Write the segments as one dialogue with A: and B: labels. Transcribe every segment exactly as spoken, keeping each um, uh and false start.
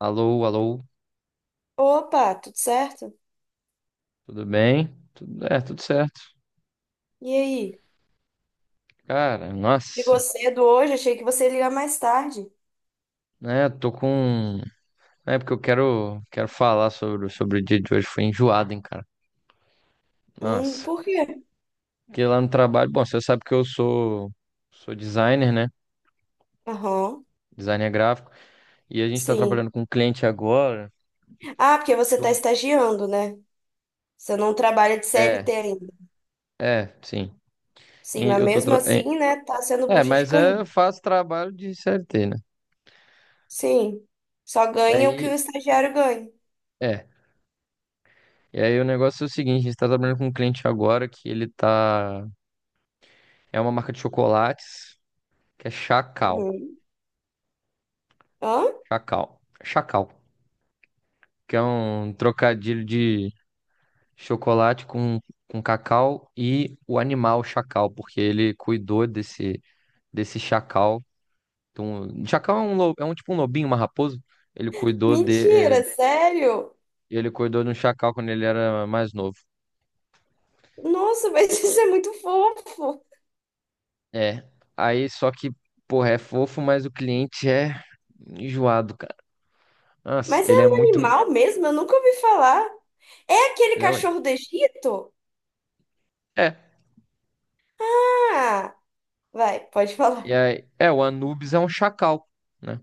A: Alô, alô,
B: Opa, tudo certo?
A: tudo bem? Tudo, é, tudo certo.
B: E aí?
A: Cara,
B: Ligou
A: nossa,
B: cedo hoje? Achei que você ia ligar mais tarde.
A: né? Tô com. É porque eu quero, quero falar sobre, sobre o dia de hoje. Foi enjoado, hein, cara?
B: Hum,
A: Nossa.
B: por quê?
A: Porque lá no trabalho, bom, você sabe que eu sou, sou designer, né?
B: Aham,
A: Designer gráfico. E a gente tá
B: sim.
A: trabalhando com um cliente agora.
B: Ah, porque você tá
A: do-
B: estagiando, né? Você não trabalha de C L T
A: É,
B: ainda.
A: é, sim.
B: Sim,
A: E
B: mas
A: Eu tô
B: mesmo
A: tra- É,
B: assim, né, tá sendo
A: É,
B: bucha de
A: mas é,
B: canhão.
A: eu faço trabalho de C L T, né?
B: Sim, só ganha o que o
A: Aí,
B: estagiário ganha.
A: é. E aí o negócio é o seguinte, a gente tá trabalhando com um cliente agora que ele tá. É uma marca de chocolates que é Chacal.
B: Uhum. Hã?
A: Chacal. Chacal. Que é um trocadilho de chocolate com, com cacau e o animal chacal, porque ele cuidou desse, desse chacal. Então, chacal é um, lo- é um tipo um lobinho, uma raposa. Ele cuidou de, é,
B: Mentira, sério?
A: ele cuidou de um chacal quando ele era mais novo.
B: Nossa, mas isso é muito fofo.
A: É. Aí, só que, porra, é fofo, mas o cliente é enjoado, cara. Nossa,
B: Mas é
A: ele é
B: um
A: muito.
B: animal mesmo? Eu nunca ouvi falar. É aquele
A: É, ué.
B: cachorro do Egito?
A: É.
B: Ah, vai, pode
A: E
B: falar.
A: aí, é, o Anubis é um chacal, né?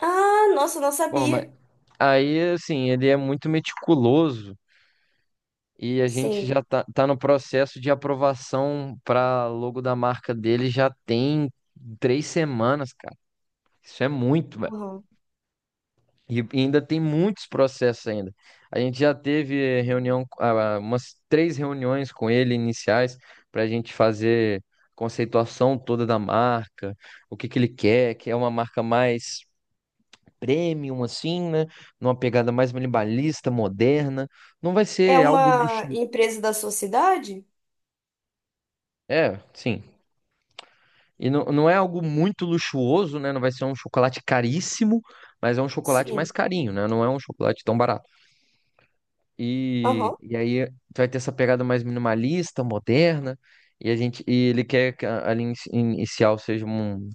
B: Ah, nossa, não
A: Bom, mas
B: sabia.
A: aí, assim, ele é muito meticuloso e a gente
B: Sim.
A: já tá, tá no processo de aprovação para logo da marca dele já tem três semanas, cara. Isso é muito, velho.
B: Aham.
A: E e ainda tem muitos processos ainda. A gente já teve reunião, ah, umas três reuniões com ele iniciais para a gente fazer conceituação toda da marca, o que que ele quer, que é uma marca mais premium, assim, né? Numa pegada mais minimalista, moderna. Não vai
B: É
A: ser algo
B: uma
A: luxuoso.
B: empresa da sua cidade?
A: É, sim. E não, não é algo muito luxuoso, né? Não vai ser um chocolate caríssimo, mas é um chocolate mais
B: Sim.
A: carinho, né? Não é um chocolate tão barato. E,
B: Aham.
A: e aí tu vai ter essa pegada mais minimalista, moderna. E a gente, e ele quer que a, a linha inici- inicial seja um-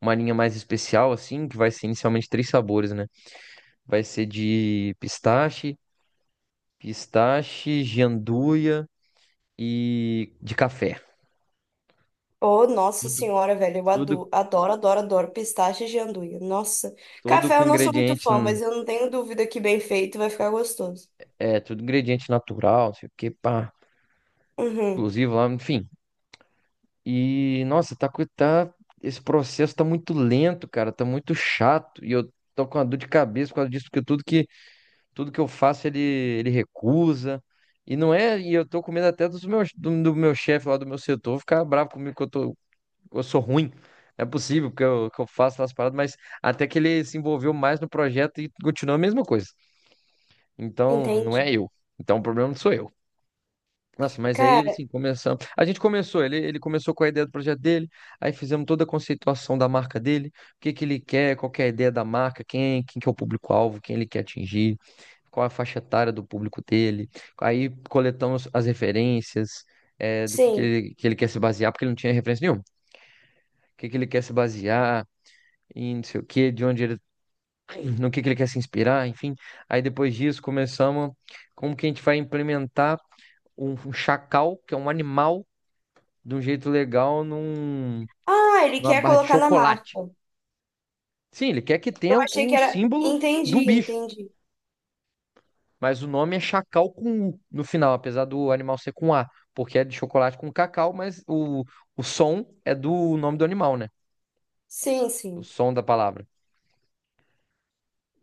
A: uma linha mais especial, assim, que vai ser inicialmente três sabores, né? Vai ser de pistache, pistache, gianduia e de café.
B: Oh, nossa
A: Tudo,
B: senhora, velho, eu
A: tudo,
B: ado- adoro, adoro, adoro pistache de anduia. Nossa.
A: tudo
B: Café
A: com
B: eu não sou muito
A: ingrediente,
B: fã, mas eu não tenho dúvida que bem feito vai ficar gostoso.
A: é, tudo ingrediente natural, não sei o que, pá,
B: Uhum,
A: exclusivo lá, enfim. E, nossa, tá, co- tá, esse processo tá muito lento, cara, tá muito chato. E eu tô com uma dor de cabeça por causa disso, porque tudo que, tudo que eu faço ele, ele recusa. E não é, e eu tô com medo até dos meus, do, do meu chefe lá do meu setor ficar bravo comigo que eu tô, eu sou ruim. Não é possível que eu, que eu faço as paradas, mas até que ele se envolveu mais no projeto e continuou a mesma coisa. Então, não
B: entendi.
A: é eu. Então, o problema não sou eu. Nossa, mas aí,
B: Cara,
A: assim, começamos. A gente começou, ele, ele começou com a ideia do projeto dele, aí fizemos toda a conceituação da marca dele, o que que ele quer, qual que é a ideia da marca, quem, quem que é o público-alvo, quem ele quer atingir, qual é a faixa etária do público dele. Aí coletamos as referências, eh, do que que
B: sim.
A: ele, que ele quer se basear, porque ele não tinha referência nenhuma. O que que ele quer se basear, e não sei o que, de onde ele, no que que ele quer se inspirar, enfim. Aí depois disso começamos como que a gente vai implementar um, um chacal, que é um animal, de um jeito legal num,
B: Ah, ele
A: numa
B: quer
A: barra de
B: colocar na marca.
A: chocolate. Sim, ele quer que
B: Eu
A: tenha
B: achei que
A: o
B: era.
A: símbolo do
B: Entendi,
A: bicho,
B: entendi.
A: mas o nome é chacal com U no final, apesar do animal ser com A, porque é de chocolate com cacau, mas o, o som é do nome do animal, né?
B: Sim,
A: O
B: sim,
A: som da palavra.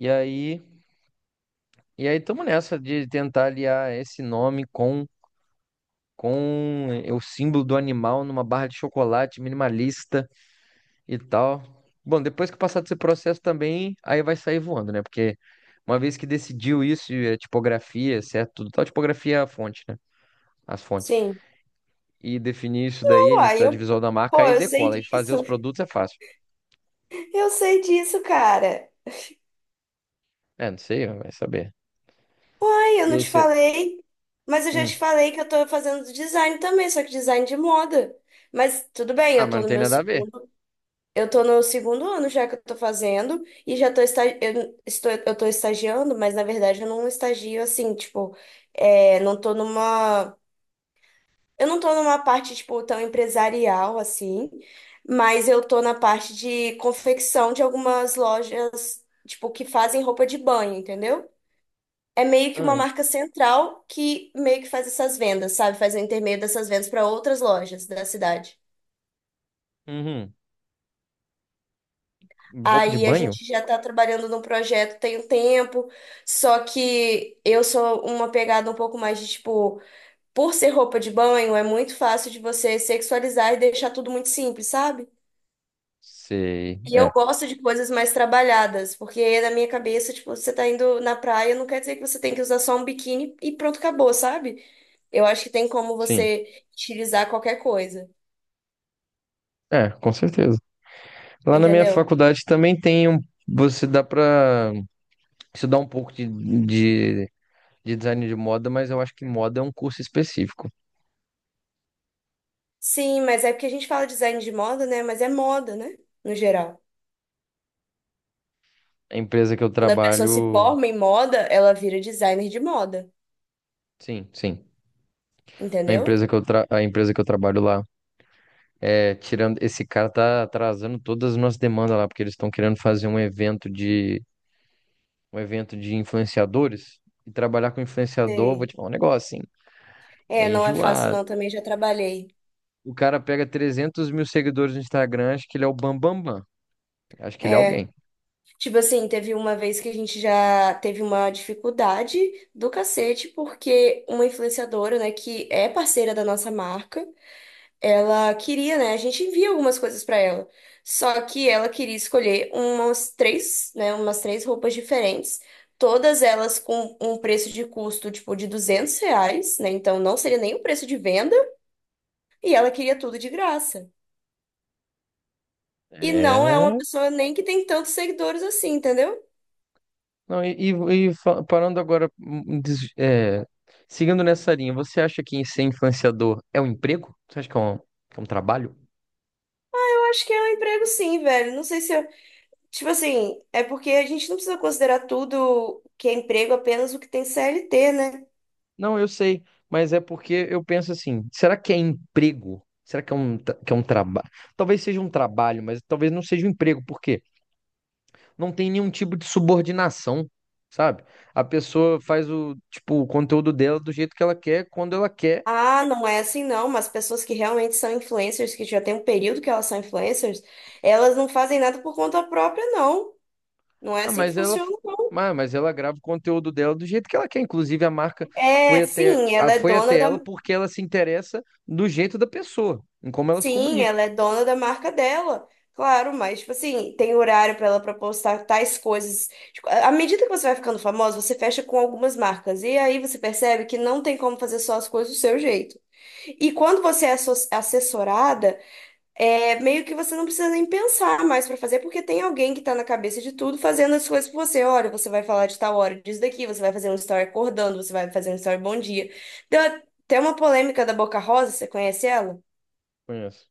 A: E aí, e aí estamos nessa de tentar aliar esse nome com com eh, o símbolo do animal numa barra de chocolate minimalista e tal. Bom, depois que passar desse processo também, aí vai sair voando, né? Porque uma vez que decidiu isso, e a tipografia, certo? Tudo tal, tipografia é a fonte, né? As fontes.
B: sim.
A: E definir isso daí, a
B: Uai,
A: identidade
B: eu...
A: visual da marca,
B: Pô,
A: aí
B: eu sei
A: decola. E fazer
B: disso.
A: os produtos é fácil.
B: Eu sei disso, cara.
A: É, não sei, vai saber.
B: Ai, eu
A: E
B: não
A: aí
B: te
A: você.
B: falei, mas eu já
A: Hum.
B: te falei que eu tô fazendo design também, só que design de moda. Mas tudo bem,
A: Ah,
B: eu
A: mas
B: tô
A: não
B: no
A: tem
B: meu
A: nada a ver.
B: segundo, eu tô no segundo ano já que eu tô fazendo e já tô esta, eu estou eu tô estagiando, mas na verdade eu não estagio assim, tipo, é, não tô numa eu não tô numa parte tipo tão empresarial assim, mas eu tô na parte de confecção de algumas lojas, tipo, que fazem roupa de banho, entendeu? É meio que
A: Ah,
B: uma
A: e-
B: marca central que meio que faz essas vendas, sabe? Faz o intermédio dessas vendas para outras lojas da cidade.
A: uhum. Roupa de
B: Aí a
A: banho?
B: gente já está trabalhando num projeto tem um tempo, só que eu sou uma pegada um pouco mais de tipo, por ser roupa de banho, é muito fácil de você sexualizar e deixar tudo muito simples, sabe?
A: Sei.
B: E eu
A: É,
B: gosto de coisas mais trabalhadas, porque na minha cabeça, tipo, você tá indo na praia, não quer dizer que você tem que usar só um biquíni e pronto, acabou, sabe? Eu acho que tem como
A: sim.
B: você utilizar qualquer coisa,
A: É, com certeza. Lá na minha
B: entendeu?
A: faculdade também tem um. Você dá pra estudar um pouco de, de, de design de moda, mas eu acho que moda é um curso específico.
B: Sim, mas é porque a gente fala design de moda, né? Mas é moda, né? No geral.
A: A empresa que eu
B: Quando a pessoa se
A: trabalho.
B: forma em moda, ela vira designer de moda,
A: Sim, sim. A
B: entendeu?
A: empresa que eu, tra... a empresa que eu trabalho lá é tirando. Esse cara tá atrasando todas as nossas demandas lá, porque eles estão querendo fazer um evento de um evento de influenciadores. E trabalhar com influenciador, vou
B: Sei.
A: te falar um negócio, assim.
B: É,
A: É
B: não é fácil
A: enjoado.
B: não, também já trabalhei.
A: O cara pega trezentos mil seguidores no Instagram, acho que ele é o Bambambam. Bam, Bam. Bam. Acho que ele é
B: É,
A: alguém.
B: tipo assim, teve uma vez que a gente já teve uma dificuldade do cacete, porque uma influenciadora, né, que é parceira da nossa marca, ela queria, né? A gente envia algumas coisas pra ela. Só que ela queria escolher umas três, né? Umas três roupas diferentes. Todas elas com um preço de custo, tipo, de duzentos reais, né? Então não seria nem o preço de venda. E ela queria tudo de graça. E não é uma
A: É.
B: pessoa nem que tem tantos seguidores assim, entendeu?
A: Não, e, e- e fa- parando agora, hum, des- é, seguindo nessa linha, você acha que ser influenciador é um emprego? Você acha que é um, que é um trabalho?
B: Eu acho que é um emprego sim, velho. Não sei se eu... Tipo assim, é porque a gente não precisa considerar tudo que é emprego apenas o que tem C L T, né?
A: Não, eu sei, mas é porque eu penso assim: será que é emprego? Será que é um, tra- que é um trabalho? Talvez seja um trabalho, mas talvez não seja um emprego, porque não tem nenhum tipo de subordinação, sabe? A pessoa faz o, tipo, o conteúdo dela do jeito que ela quer, quando ela quer.
B: Ah, não é assim não, mas pessoas que realmente são influencers, que já tem um período que elas são influencers, elas não fazem nada por conta própria, não. Não é
A: Ah,
B: assim que
A: mas ela,
B: funciona, não.
A: mas, mas ela grava o conteúdo dela do jeito que ela quer. Inclusive, a marca foi
B: É,
A: até,
B: sim,
A: a-
B: ela é
A: foi
B: dona
A: até
B: da,
A: ela porque ela se interessa do jeito da pessoa, em como ela se
B: sim,
A: comunica.
B: ela é dona da marca dela. Claro, mas tipo assim, tem horário para ela pra postar tais coisas. Tipo, à medida que você vai ficando famosa, você fecha com algumas marcas e aí você percebe que não tem como fazer só as coisas do seu jeito. E quando você é asso- assessorada. É meio que você não precisa nem pensar mais pra fazer, porque tem alguém que tá na cabeça de tudo fazendo as coisas por você. Olha, você vai falar de tal hora disso daqui, você vai fazer um story acordando, você vai fazer um story bom dia. Deu até uma polêmica da Boca Rosa, você conhece ela?
A: Conheço.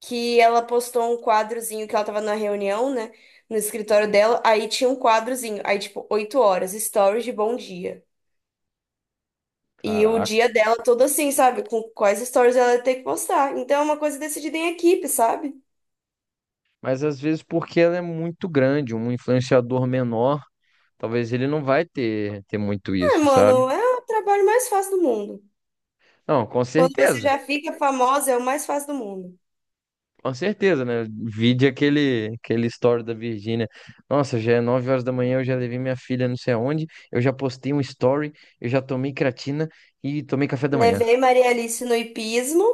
B: Que ela postou um quadrozinho que ela tava na reunião, né? No escritório dela, aí tinha um quadrozinho, aí tipo, oito horas, stories de bom dia. E o
A: Caraca.
B: dia dela todo assim, sabe? Com quais stories ela ia ter que postar. Então é uma coisa decidida em equipe, sabe?
A: Mas às vezes porque ela é muito grande, um influenciador menor, talvez ele não vai ter, ter muito
B: É,
A: isso, sabe?
B: mano, é o trabalho mais fácil do mundo.
A: Não, com
B: Quando você
A: certeza.
B: já fica famosa, é o mais fácil do mundo.
A: Com certeza, né? Vide aquele, aquele story da Virgínia. Nossa, já é nove horas da manhã, eu já levei minha filha não sei aonde, eu já postei um story, eu já tomei creatina e tomei café da manhã.
B: Levei Maria Alice no hipismo,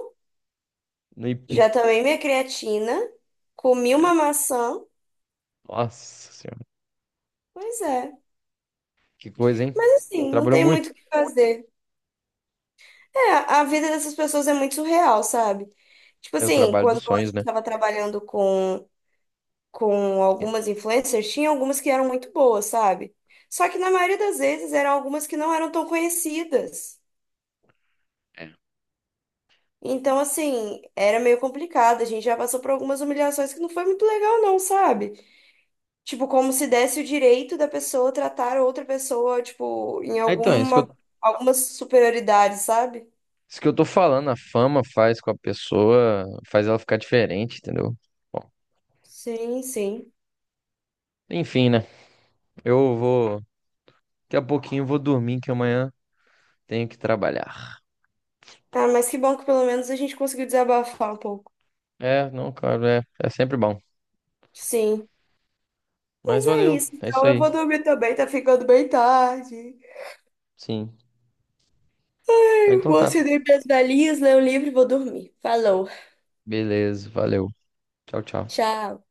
A: E-
B: já tomei minha creatina, comi uma maçã.
A: Nossa senhora,
B: Pois é.
A: que coisa, hein?
B: Mas assim, não
A: Trabalhou
B: tem
A: muito.
B: muito o que fazer. É, a vida dessas pessoas é muito surreal, sabe? Tipo
A: É o
B: assim,
A: trabalho
B: quando
A: dos
B: a
A: sonhos, né?
B: gente tava trabalhando com, com algumas influencers, tinha algumas que eram muito boas, sabe? Só que na maioria das vezes eram algumas que não eram tão conhecidas. Então, assim, era meio complicado. A gente já passou por algumas humilhações que não foi muito legal, não, sabe? Tipo, como se desse o direito da pessoa tratar outra pessoa, tipo, em
A: É. Então, é isso que
B: alguma,
A: eu,
B: alguma superioridade, sabe?
A: isso que eu tô falando, a fama faz com a pessoa, faz ela ficar diferente, entendeu? Bom,
B: Sim, sim.
A: enfim, né? Eu vou, daqui a pouquinho eu vou dormir, que amanhã tenho que trabalhar.
B: Ah, mas que bom que pelo menos a gente conseguiu desabafar um pouco.
A: É, não, cara, é, é sempre bom.
B: Sim.
A: Mas
B: Mas é
A: valeu,
B: isso.
A: é isso
B: Então, eu
A: aí.
B: vou dormir também, tá ficando bem tarde.
A: Sim. Ah,
B: Eu
A: então
B: vou
A: tá.
B: acender minhas velhinhas, ler um livro e vou dormir. Falou.
A: Beleza, valeu. Tchau, tchau.
B: Tchau.